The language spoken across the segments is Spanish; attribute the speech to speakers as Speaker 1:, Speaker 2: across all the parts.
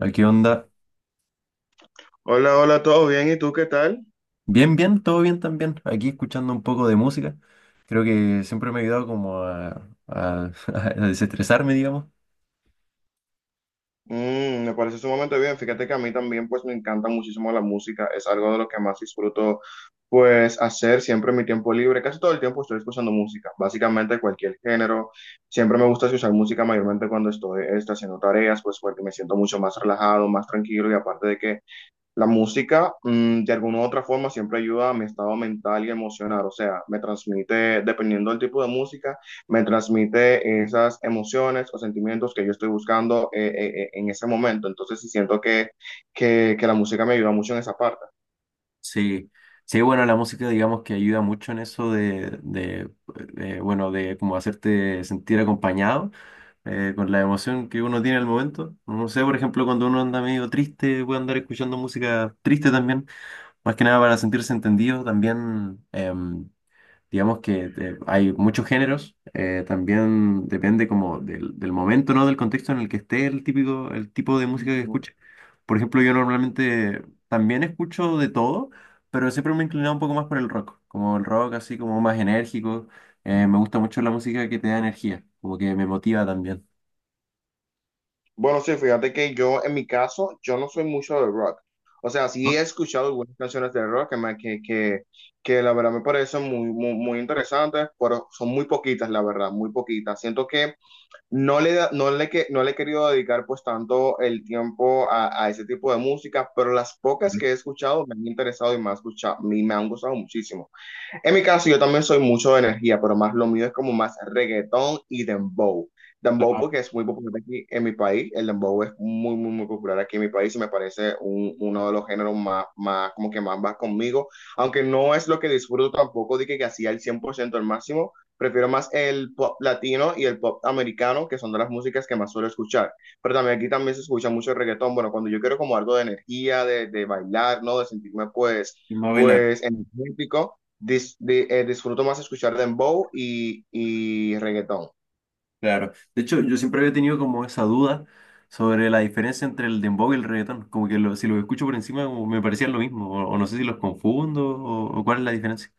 Speaker 1: ¿A qué onda?
Speaker 2: Hola, hola, ¿todo bien? ¿Y tú qué tal?
Speaker 1: Bien, bien, todo bien también. Aquí escuchando un poco de música. Creo que siempre me ha ayudado como a desestresarme, digamos.
Speaker 2: Me parece sumamente bien. Fíjate que a mí también pues me encanta muchísimo la música. Es algo de lo que más disfruto pues hacer siempre en mi tiempo libre. Casi todo el tiempo estoy escuchando música, básicamente cualquier género. Siempre me gusta escuchar música mayormente cuando estoy haciendo tareas, pues porque me siento mucho más relajado, más tranquilo y aparte de que la música, de alguna u otra forma, siempre ayuda a mi estado mental y emocional. O sea, me transmite, dependiendo del tipo de música, me transmite esas emociones o sentimientos que yo estoy buscando en ese momento. Entonces, sí siento que, que la música me ayuda mucho en esa parte.
Speaker 1: Sí, sí, bueno, la música digamos que ayuda mucho en eso de como hacerte sentir acompañado. Con la emoción que uno tiene al momento. No sé, por ejemplo, cuando uno anda medio triste, puede andar escuchando música triste también, más que nada para sentirse entendido. Digamos que hay muchos géneros, también depende como del momento, ¿no? Del contexto en el que esté el típico, el tipo de música que
Speaker 2: Ujú.
Speaker 1: escuche. Por ejemplo, yo normalmente también escucho de todo, pero siempre me he inclinado un poco más por el rock, como el rock así como más enérgico. Me gusta mucho la música que te da energía, como que me motiva también.
Speaker 2: Bueno, sí, fíjate que yo, en mi caso, yo no soy mucho de rock. O sea, sí
Speaker 1: ¿No?
Speaker 2: he escuchado algunas canciones de rock que la verdad me parecen muy, muy, muy interesantes, pero son muy poquitas, la verdad, muy poquitas. Siento que no le he querido dedicar pues tanto el tiempo a ese tipo de música, pero las pocas que he escuchado me han interesado y me han gustado muchísimo. En mi caso, yo también soy mucho de energía, pero más lo mío es como más reggaetón y dembow. Dembow
Speaker 1: Claro,
Speaker 2: porque es muy popular aquí en mi país. El dembow es muy, muy, muy popular aquí en mi país y me parece uno de los géneros más, como que más va conmigo. Aunque no es lo que disfruto tampoco, dije que hacía el 100% al máximo. Prefiero más el pop latino y el pop americano, que son de las músicas que más suelo escuchar. Pero también aquí también se escucha mucho reggaetón. Bueno, cuando yo quiero como algo de energía, de, bailar, ¿no? De sentirme pues,
Speaker 1: no bailar,
Speaker 2: pues energético. Disfruto más escuchar dembow y reggaetón.
Speaker 1: claro. De hecho, yo siempre había tenido como esa duda sobre la diferencia entre el dembow y el reggaetón. Como que si los escucho por encima como me parecían lo mismo, o no sé si los confundo, o cuál es la diferencia.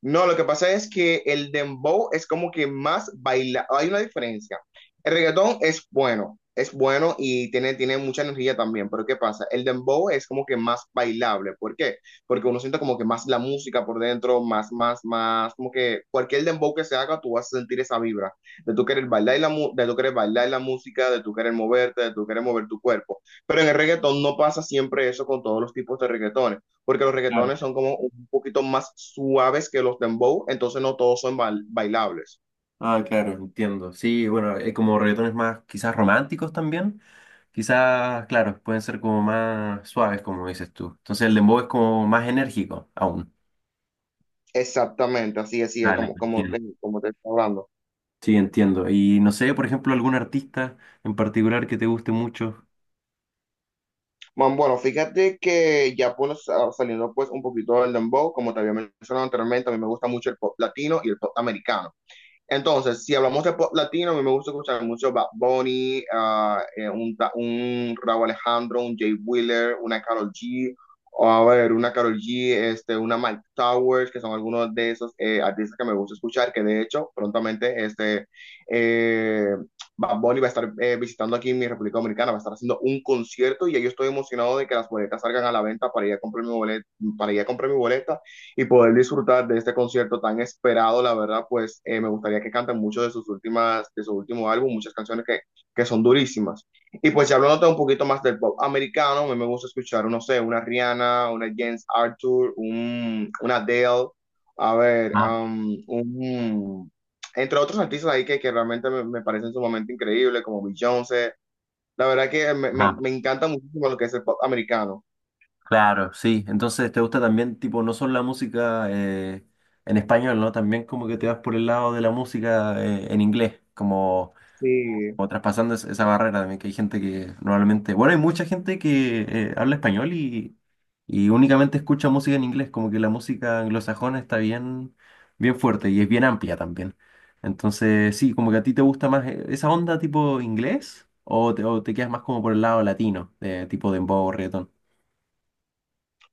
Speaker 2: No, lo que pasa es que el dembow es como que más baila, hay una diferencia. El reggaetón es bueno y tiene mucha energía también, pero ¿qué pasa? El dembow es como que más bailable, ¿por qué? Porque uno siente como que más la música por dentro, más, como que cualquier dembow que se haga, tú vas a sentir esa vibra de tú querer bailar la música, de tú querer moverte, de tú querer mover tu cuerpo. Pero en el reggaetón no pasa siempre eso con todos los tipos de reggaetón porque los
Speaker 1: Claro.
Speaker 2: reggaetones son como un poquito más suaves que los dembow, entonces no todos son bailables.
Speaker 1: Ah, claro, entiendo. Sí, bueno, como reggaetones más quizás románticos también, quizás, claro, pueden ser como más suaves, como dices tú. Entonces el dembow es como más enérgico aún.
Speaker 2: Exactamente, así es
Speaker 1: Vale,
Speaker 2: como, como
Speaker 1: entiendo.
Speaker 2: te, como te estoy hablando.
Speaker 1: Sí, entiendo. Y no sé, por ejemplo, algún artista en particular que te guste mucho.
Speaker 2: Man, bueno, fíjate que ya pues, saliendo pues un poquito del dembow, como te había mencionado anteriormente, a mí me gusta mucho el pop latino y el pop americano. Entonces, si hablamos de pop latino, a mí me gusta escuchar mucho Bad Bunny, un Rauw Alejandro, un Jay Wheeler, una Karol G, a ver, una Karol G, este, una Mike Towers, que son algunos de esos artistas que me gusta escuchar, que de hecho, prontamente, eh, Bad Bunny va a estar visitando aquí en mi República Dominicana, va a estar haciendo un concierto y ahí yo estoy emocionado de que las boletas salgan a la venta para ir a comprar mi boleta, para ir a comprar mi boleta y poder disfrutar de este concierto tan esperado, la verdad, pues me gustaría que canten mucho de sus últimas, de su último álbum, muchas canciones que son durísimas. Y pues ya hablando un poquito más del pop americano, a mí me gusta escuchar, no sé, una Rihanna, una James Arthur, una Adele, a ver,
Speaker 1: Ah,
Speaker 2: entre otros artistas ahí que realmente me parecen sumamente increíbles, como Bill Jones. La verdad que me, me,
Speaker 1: ah.
Speaker 2: me encanta muchísimo lo que es el pop americano.
Speaker 1: Claro, sí. Entonces, ¿te gusta también, tipo, no solo la música en español, ¿no? También como que te vas por el lado de la música en inglés, como,
Speaker 2: Sí.
Speaker 1: como traspasando esa barrera también, que hay gente que normalmente, bueno, hay mucha gente que habla español y únicamente escucha música en inglés, como que la música anglosajona está bien, bien fuerte y es bien amplia también. Entonces, sí, como que a ti te gusta más esa onda tipo inglés o te quedas más como por el lado latino, de tipo dembow, reggaetón.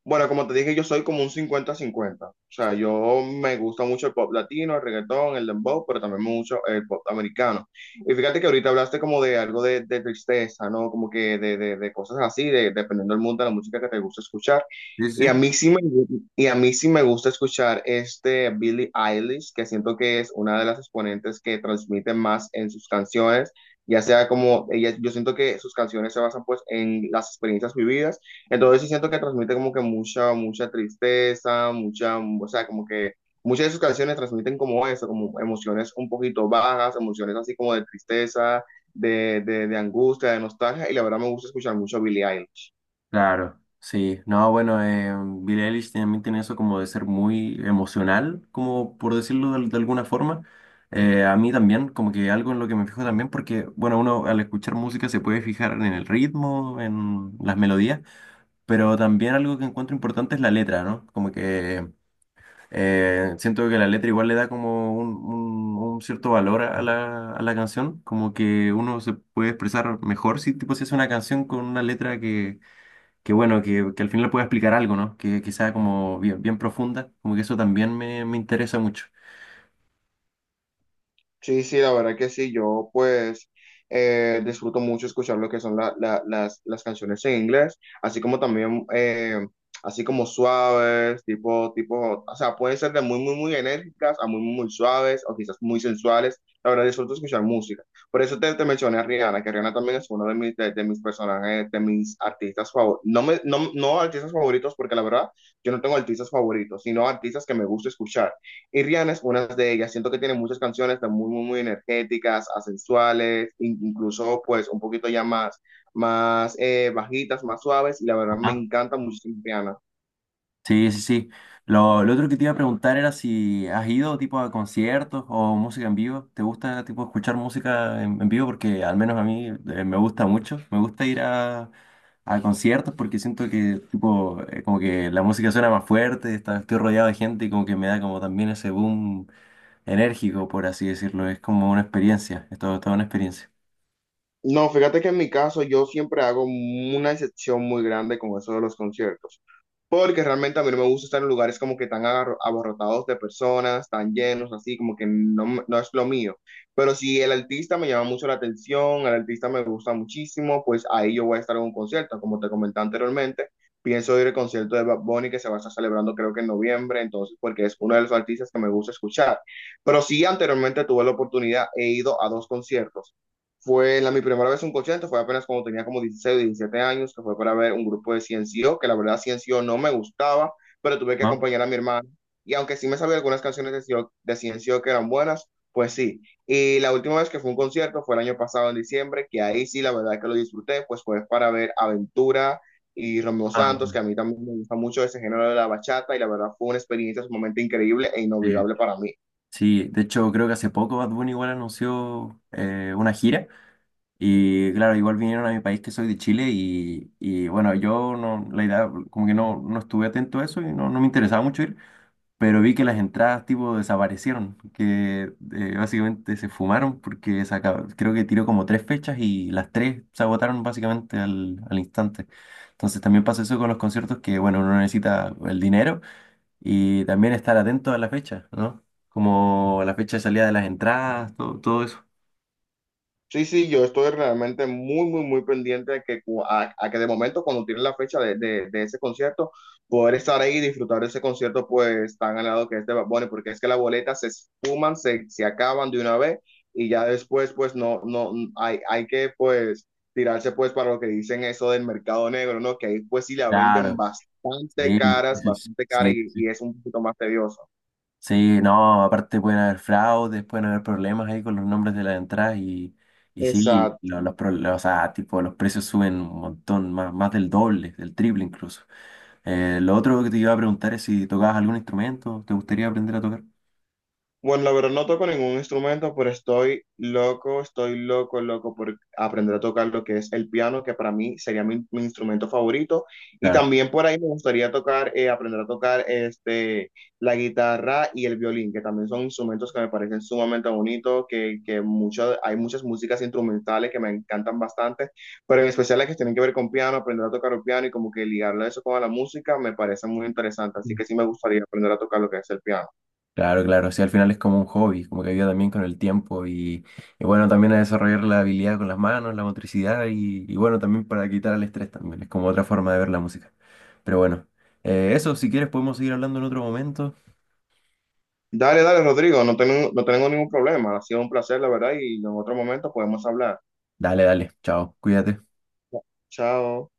Speaker 2: Bueno, como te dije, yo soy como un 50 cincuenta. O sea, yo me gusta mucho el pop latino, el reggaetón, el dembow, pero también mucho el pop americano. Y fíjate que ahorita hablaste como de algo de tristeza, ¿no? Como que de, de cosas así, dependiendo del mundo de la música que te gusta escuchar.
Speaker 1: Sí,
Speaker 2: Y a
Speaker 1: sí.
Speaker 2: mí sí me, y a mí sí me gusta escuchar Billie Eilish, que siento que es una de las exponentes que transmite más en sus canciones, ya sea como, ella, yo siento que sus canciones se basan pues en las experiencias vividas, entonces sí siento que transmite como que mucha, mucha tristeza, mucha, o sea, como que muchas de sus canciones transmiten como eso, como emociones un poquito bajas, emociones así como de tristeza, de angustia, de nostalgia, y la verdad me gusta escuchar mucho a Billie Eilish.
Speaker 1: Claro, sí. No, bueno, Billie Eilish también tiene eso como de ser muy emocional, como por decirlo de alguna forma. A mí también, como que algo en lo que me fijo también, porque, bueno, uno al escuchar música se puede fijar en el ritmo, en las melodías, pero también algo que encuentro importante es la letra, ¿no? Como que siento que la letra igual le da como un cierto valor a a la canción, como que uno se puede expresar mejor si tipo se hace una canción con una letra que bueno que al final pueda explicar algo, ¿no? Que sea como bien, bien profunda, como que eso también me interesa mucho.
Speaker 2: Sí, sí, la verdad que sí, yo pues disfruto mucho escuchar lo que son las canciones en inglés, así como también, así como suaves, tipo, o sea, pueden ser de muy, muy, muy enérgicas a muy, muy, muy suaves o quizás muy sensuales, la verdad disfruto escuchar música. Por eso te mencioné a Rihanna, que Rihanna también es uno de mis, de mis personajes, de mis artistas favoritos, no, me, no, no artistas favoritos porque la verdad yo no tengo artistas favoritos, sino artistas que me gusta escuchar. Y Rihanna es una de ellas. Siento que tiene muchas canciones muy, muy, muy energéticas, sensuales, incluso pues un poquito ya más, bajitas, más suaves. Y la verdad me
Speaker 1: Ah,
Speaker 2: encanta muchísimo Rihanna.
Speaker 1: sí, sí, sí. Lo otro que te iba a preguntar era si has ido tipo a conciertos o música en vivo. ¿Te gusta tipo escuchar música en vivo? Porque al menos a mí me gusta mucho. Me gusta ir a conciertos porque siento que tipo como que la música suena más fuerte, estoy rodeado de gente y como que me da como también ese boom enérgico, por así decirlo. Es como una experiencia, es todo, toda una experiencia.
Speaker 2: No, fíjate que en mi caso yo siempre hago una excepción muy grande con eso de los conciertos. Porque realmente a mí no me gusta estar en lugares como que tan abarrotados de personas, tan llenos, así, como que no es lo mío. Pero si el artista me llama mucho la atención, el artista me gusta muchísimo, pues ahí yo voy a estar en un concierto. Como te comenté anteriormente, pienso ir al concierto de Bad Bunny que se va a estar celebrando creo que en noviembre, entonces, porque es uno de los artistas que me gusta escuchar. Pero sí, anteriormente tuve la oportunidad, he ido a dos conciertos. Fue la, mi primera vez en un concierto, fue apenas cuando tenía como 16 o 17 años, que fue para ver un grupo de Ciencio, que la verdad Ciencio no me gustaba, pero tuve que acompañar a mi hermano. Y aunque sí me sabía algunas canciones de Ciencio que eran buenas, pues sí. Y la última vez que fue un concierto fue el año pasado en diciembre, que ahí sí la verdad que lo disfruté, pues fue para ver Aventura y Romeo
Speaker 1: Ah,
Speaker 2: Santos, que a mí también me gusta mucho ese género de la bachata, y la verdad fue una experiencia sumamente increíble e
Speaker 1: sí.
Speaker 2: inolvidable para mí.
Speaker 1: Sí, de hecho creo que hace poco Bad Bunny igual anunció una gira y claro, igual vinieron a mi país que soy de Chile y, bueno, yo no, la idea, como que no, no estuve atento a eso y no, no me interesaba mucho ir, pero vi que las entradas tipo desaparecieron, que básicamente se fumaron porque creo que tiró como tres fechas y las tres se agotaron básicamente al, al instante. Entonces también pasa eso con los conciertos que bueno, uno necesita el dinero y también estar atento a la fecha, ¿no? Como la fecha de salida de las entradas, todo, todo eso.
Speaker 2: Sí, sí, yo estoy realmente muy, muy, muy pendiente a que de momento, cuando tienen la fecha de ese concierto, poder estar ahí y disfrutar de ese concierto, pues tan ganado que es de Bad Bunny, porque es que las boletas se esfuman, se acaban de una vez y ya después, pues no, no, hay que, pues, tirarse, pues, para lo que dicen eso del mercado negro, ¿no? Que ahí, pues, sí la venden
Speaker 1: Claro,
Speaker 2: bastante
Speaker 1: sí, los
Speaker 2: caras,
Speaker 1: precios,
Speaker 2: bastante cara
Speaker 1: sí, sí.
Speaker 2: y
Speaker 1: Sí.
Speaker 2: es un poquito más tedioso.
Speaker 1: Sí, no, aparte pueden haber fraudes, pueden haber problemas ahí con los nombres de las entradas y sí,
Speaker 2: Exacto.
Speaker 1: o sea, tipo, los precios suben un montón, más, más del doble, del triple incluso. Lo otro que te iba a preguntar es si tocabas algún instrumento, ¿te gustaría aprender a tocar?
Speaker 2: Bueno, la verdad no toco ningún instrumento, pero estoy loco, loco por aprender a tocar lo que es el piano, que para mí sería mi instrumento favorito. Y
Speaker 1: Claro.
Speaker 2: también por ahí me gustaría aprender a tocar la guitarra y el violín, que también son instrumentos que me parecen sumamente bonitos, que hay muchas músicas instrumentales que me encantan bastante, pero en especial las que tienen que ver con piano, aprender a tocar el piano y como que ligarlo a eso con la música me parece muy interesante. Así que sí me gustaría aprender a tocar lo que es el piano.
Speaker 1: Claro, claro, sí, al final es como un hobby, como que ayuda también con el tiempo y bueno, también a desarrollar la habilidad con las manos, la motricidad y bueno, también para quitar el estrés también, es como otra forma de ver la música. Pero bueno, eso, si quieres podemos seguir hablando en otro momento.
Speaker 2: Dale, dale, Rodrigo, no tengo ningún problema. Ha sido un placer, la verdad, y en otro momento podemos hablar.
Speaker 1: Dale, dale, chao, cuídate.
Speaker 2: Chao.